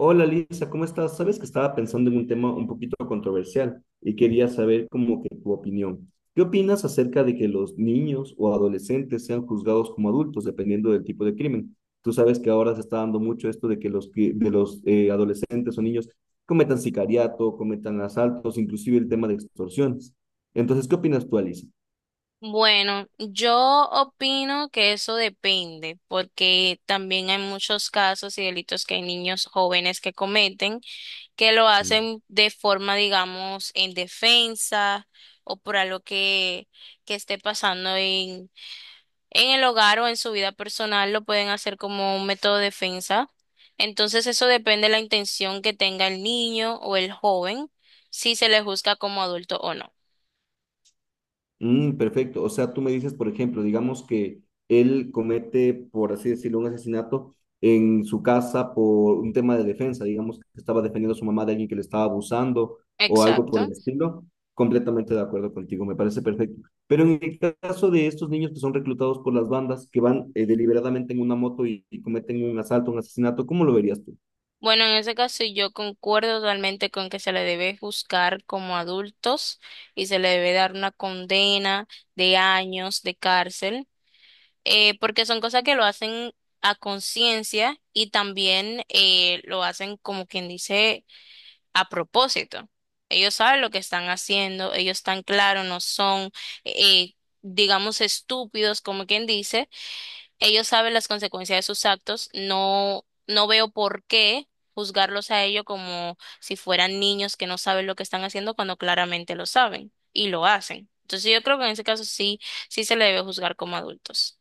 Hola Lisa, ¿cómo estás? Sabes que estaba pensando en un tema un poquito controversial y quería saber como que tu opinión. ¿Qué opinas acerca de que los niños o adolescentes sean juzgados como adultos dependiendo del tipo de crimen? Tú sabes que ahora se está dando mucho esto de que los, que- de los adolescentes o niños cometan sicariato, cometan asaltos, inclusive el tema de extorsiones. Entonces, ¿qué opinas tú, Lisa? Bueno, yo opino que eso depende, porque también hay muchos casos y delitos que hay niños jóvenes que cometen, que lo hacen de forma, digamos, en defensa o por algo que, esté pasando en el hogar o en su vida personal, lo pueden hacer como un método de defensa. Entonces, eso depende de la intención que tenga el niño o el joven, si se le juzga como adulto o no. Mm, perfecto. O sea, tú me dices, por ejemplo, digamos que él comete, por así decirlo, un asesinato en su casa por un tema de defensa, digamos que estaba defendiendo a su mamá de alguien que le estaba abusando o algo por Exacto. el estilo. Completamente de acuerdo contigo, me parece perfecto. Pero en el caso de estos niños que son reclutados por las bandas, que van deliberadamente en una moto y cometen un asalto, un asesinato, ¿cómo lo verías tú? Bueno, en ese caso yo concuerdo totalmente con que se le debe juzgar como adultos y se le debe dar una condena de años de cárcel, porque son cosas que lo hacen a conciencia y también lo hacen como quien dice a propósito. Ellos saben lo que están haciendo, ellos están claros, no son, eh, digamos, estúpidos como quien dice ellos saben las consecuencias de sus actos, no veo por qué juzgarlos a ellos como si fueran niños que no saben lo que están haciendo cuando claramente lo saben y lo hacen. Entonces yo creo que en ese caso sí, sí se le debe juzgar como adultos.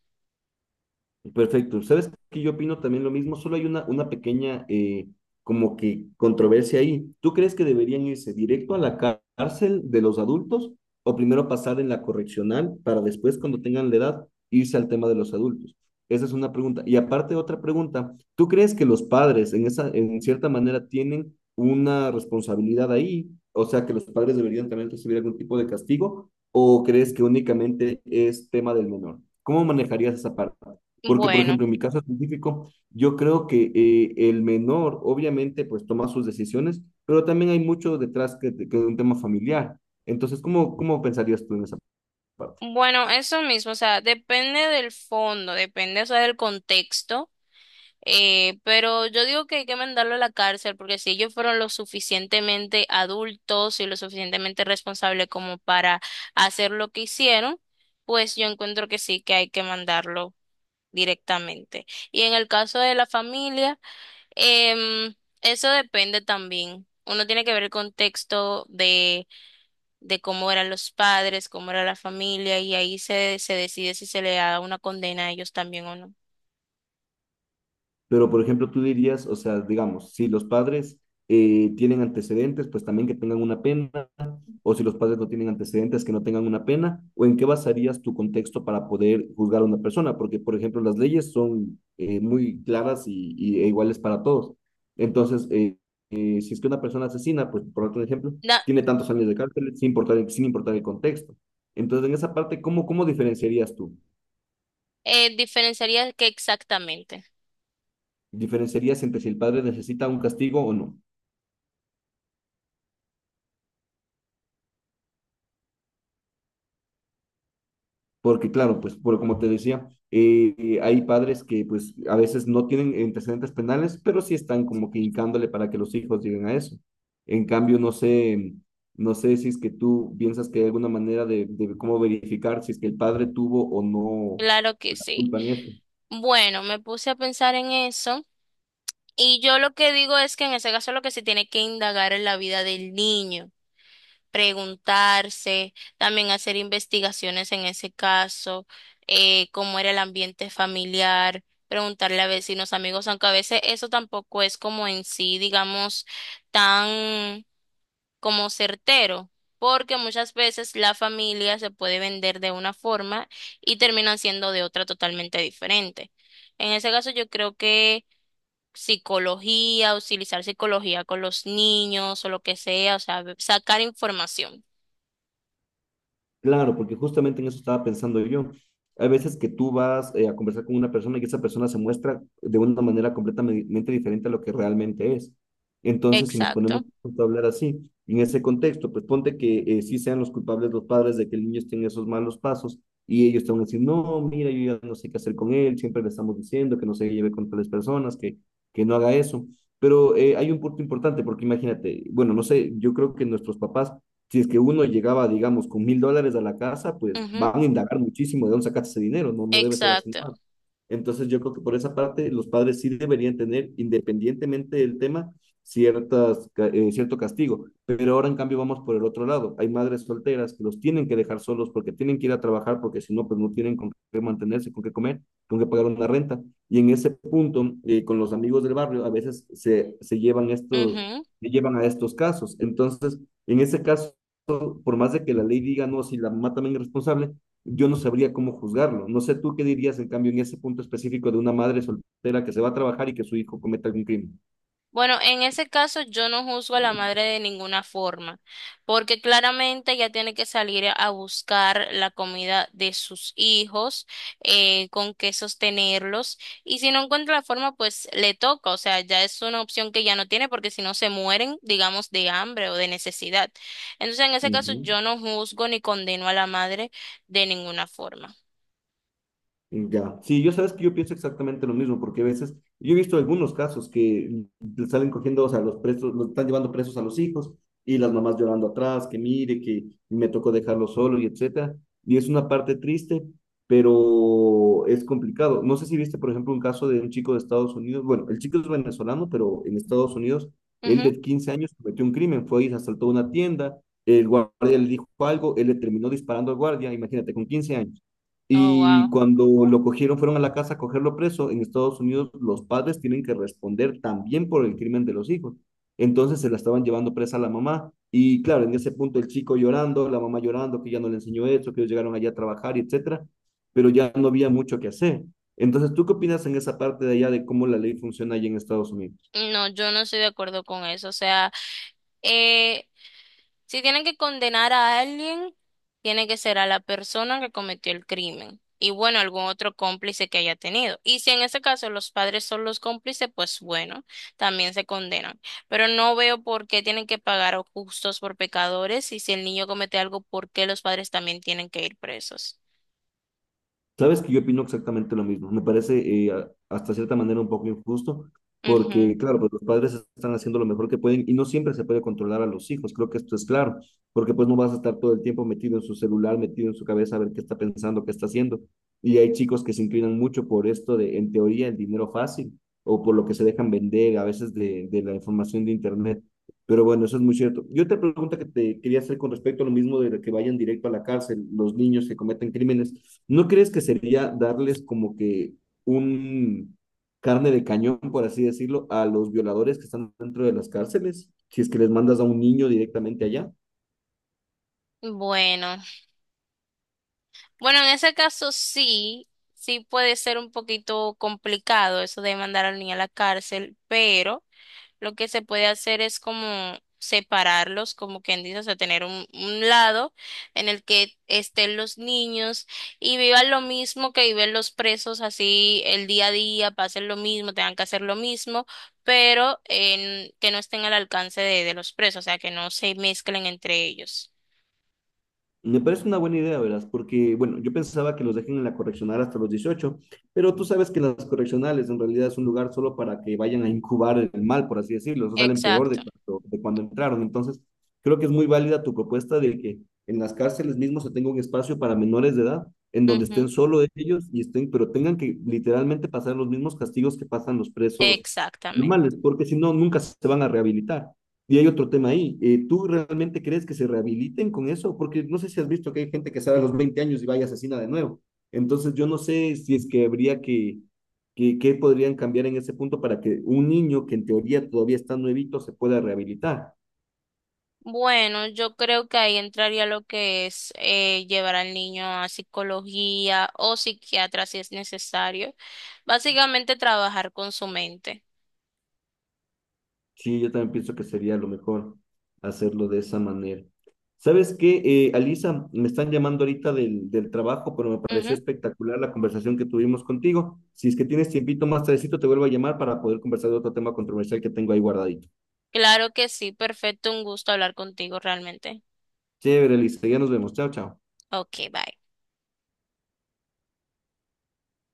Perfecto. ¿Sabes que yo opino también lo mismo? Solo hay una pequeña como que controversia ahí. ¿Tú crees que deberían irse directo a la cárcel de los adultos o primero pasar en la correccional para después, cuando tengan la edad, irse al tema de los adultos? Esa es una pregunta. Y aparte, otra pregunta. ¿Tú crees que los padres en cierta manera tienen una responsabilidad ahí? O sea, ¿que los padres deberían también recibir algún tipo de castigo o crees que únicamente es tema del menor? ¿Cómo manejarías esa parte? Porque, por Bueno, ejemplo, en mi caso específico, yo creo que el menor, obviamente, pues toma sus decisiones, pero también hay mucho detrás que de un tema familiar. Entonces, cómo pensarías tú en esa parte? bueno, eso mismo, o sea, depende del fondo, depende, o sea, del contexto. Pero yo digo que hay que mandarlo a la cárcel porque si ellos fueron lo suficientemente adultos y lo suficientemente responsables como para hacer lo que hicieron, pues yo encuentro que sí que hay que mandarlo directamente. Y en el caso de la familia, em, eso depende también. Uno tiene que ver el contexto de cómo eran los padres, cómo era la familia, y ahí se decide si se le da una condena a ellos también o Pero, por ejemplo, tú dirías, o sea, digamos, si los padres tienen antecedentes, pues también que tengan una pena o si los padres no tienen antecedentes que no tengan una pena, o en qué basarías tu contexto para poder juzgar a una persona, porque por ejemplo las leyes son muy claras e iguales para todos. Entonces, si es que una persona asesina, pues por otro ejemplo, no. tiene tantos años de cárcel sin importar, sin importar el contexto. Entonces, en esa parte, cómo diferenciarías tú? Diferenciaría qué exactamente. ¿Diferenciarías entre si el padre necesita un castigo o no? Porque claro, pues por, como te decía, hay padres que pues a veces no tienen antecedentes penales, pero sí están como que hincándole para que los hijos lleguen a eso. En cambio, no sé, no sé si es que tú piensas que hay alguna manera de cómo verificar si es que el padre tuvo o no Claro que la sí. culpa en eso. Bueno, me puse a pensar en eso y yo lo que digo es que en ese caso lo que se tiene que indagar es la vida del niño, preguntarse, también hacer investigaciones en ese caso, cómo era el ambiente familiar, preguntarle a vecinos, amigos, aunque a veces eso tampoco es como en sí, digamos, tan como certero, porque muchas veces la familia se puede vender de una forma y terminan siendo de otra totalmente diferente. En ese caso, yo creo que psicología, utilizar psicología con los niños o lo que sea, o sea, sacar información. Claro, porque justamente en eso estaba pensando yo. Hay veces que tú vas a conversar con una persona y esa persona se muestra de una manera completamente diferente a lo que realmente es. Entonces, si nos ponemos Exacto. a hablar así, en ese contexto, pues ponte que sí sean los culpables los padres de que el niño esté en esos malos pasos y ellos te van a decir, no, mira, yo ya no sé qué hacer con él, siempre le estamos diciendo que no se lleve con tales personas, que no haga eso. Pero hay un punto importante, porque imagínate, bueno, no sé, yo creo que nuestros papás si es que uno llegaba, digamos, con $1000 a la casa, pues Ujú, van a indagar muchísimo de dónde sacaste ese dinero, no, no debe ser así. exacto. Nomás. Entonces yo creo que por esa parte los padres sí deberían tener, independientemente del tema, cierto castigo. Pero ahora en cambio vamos por el otro lado. Hay madres solteras que los tienen que dejar solos porque tienen que ir a trabajar, porque si no, pues no tienen con qué mantenerse, con qué comer, con qué pagar una renta. Y en ese punto, con los amigos del barrio, a veces se llevan estos, Ujú. se llevan a estos casos. Entonces, en ese caso por más de que la ley diga, no, si la mamá también es responsable, yo no sabría cómo juzgarlo. No sé tú qué dirías, en cambio, en ese punto específico de una madre soltera que se va a trabajar y que su hijo cometa algún crimen. Bueno, en ese caso yo no juzgo a la madre de ninguna forma, porque claramente ella tiene que salir a buscar la comida de sus hijos, con qué sostenerlos, y si no encuentra la forma, pues le toca, o sea, ya es una opción que ya no tiene, porque si no se mueren, digamos, de hambre o de necesidad. Entonces, en ese caso Ujú. yo no juzgo ni condeno a la madre de ninguna forma. Ya, sí, yo sabes que yo pienso exactamente lo mismo, porque a veces, yo he visto algunos casos que le salen cogiendo, o sea, los presos, los están llevando presos a los hijos y las mamás llorando atrás, que mire, que me tocó dejarlo solo y etcétera. Y es una parte triste, pero es complicado. No sé si viste, por ejemplo, un caso de un chico de Estados Unidos, bueno, el chico es venezolano, pero en Estados Unidos, él Ujú. de 15 años cometió un crimen, fue y asaltó una tienda, el guardia le dijo algo, él le terminó disparando al guardia, imagínate, con 15 años. Oh, Y wow. cuando lo cogieron, fueron a la casa a cogerlo preso. En Estados Unidos, los padres tienen que responder también por el crimen de los hijos. Entonces se la estaban llevando presa a la mamá. Y claro, en ese punto el chico llorando, la mamá llorando, que ya no le enseñó eso, que ellos llegaron allá a trabajar, y etcétera. Pero ya no había mucho que hacer. Entonces, ¿tú qué opinas en esa parte de allá de cómo la ley funciona allá en Estados Unidos? No, yo no estoy de acuerdo con eso. O sea, eh, si tienen que condenar a alguien, tiene que ser a la persona que cometió el crimen y bueno, algún otro cómplice que haya tenido. Y si en ese caso los padres son los cómplices, pues bueno, también se condenan. Pero no veo por qué tienen que pagar a justos por pecadores y si el niño comete algo, ¿por qué los padres también tienen que ir presos? Sabes que yo opino exactamente lo mismo. Me parece hasta cierta manera un poco injusto, Ujú. porque claro, pues los padres están haciendo lo mejor que pueden y no siempre se puede controlar a los hijos. Creo que esto es claro, porque pues no vas a estar todo el tiempo metido en su celular, metido en su cabeza a ver qué está pensando, qué está haciendo. Y hay chicos que se inclinan mucho por esto de, en teoría, el dinero fácil o por lo que se dejan vender a veces de la información de internet. Pero bueno, eso es muy cierto. Yo otra pregunta que te quería hacer con respecto a lo mismo de que vayan directo a la cárcel los niños que cometen crímenes, ¿no crees que sería darles como que un carne de cañón, por así decirlo, a los violadores que están dentro de las cárceles? Si es que les mandas a un niño directamente allá. Bueno, bueno, en ese caso sí, sí puede ser un poquito complicado eso de mandar al niño a la cárcel, pero... Lo que se puede hacer es como separarlos, como quien dice, o sea, tener un lado en el que estén los niños y vivan lo mismo que viven los presos, así el día a día, pasen lo mismo, tengan que hacer lo mismo, pero en, que no estén al alcance de los presos, o sea, que no se mezclen entre ellos. Me parece una buena idea, verás, porque, bueno, yo pensaba que los dejen en la correccional hasta los 18, pero tú sabes que las correccionales en realidad es un lugar solo para que vayan a incubar el mal, por así decirlo, o sea, salen peor Exacto. De cuando entraron. Entonces, creo que es muy válida tu propuesta de que en las cárceles mismo se tenga un espacio para menores de edad, en donde Ujú, estén solo ellos y estén, pero tengan que literalmente pasar los mismos castigos que pasan los presos normales, exactamente. porque si no, nunca se van a rehabilitar. Y hay otro tema ahí. ¿Tú realmente crees que se rehabiliten con eso? Porque no sé si has visto que hay gente que sale a los 20 años y va y asesina de nuevo. Entonces, yo no sé si es que habría que podrían cambiar en ese punto para que un niño que en teoría todavía está nuevito se pueda rehabilitar. Bueno, yo creo que ahí entraría lo que es llevar al niño a psicología o psiquiatra si es necesario. Básicamente trabajar con su mente. Sí, yo también pienso que sería lo mejor hacerlo de esa manera. ¿Sabes qué, Alisa? Me están llamando ahorita del trabajo, pero me pareció Ujú. espectacular la conversación que tuvimos contigo. Si es que tienes tiempito más tardecito, te vuelvo a llamar para poder conversar de otro tema controversial que tengo ahí guardadito. Claro que sí, perfecto, un gusto hablar contigo realmente. Chévere, Alisa, ya nos vemos. Chao, chao. Ok, bye.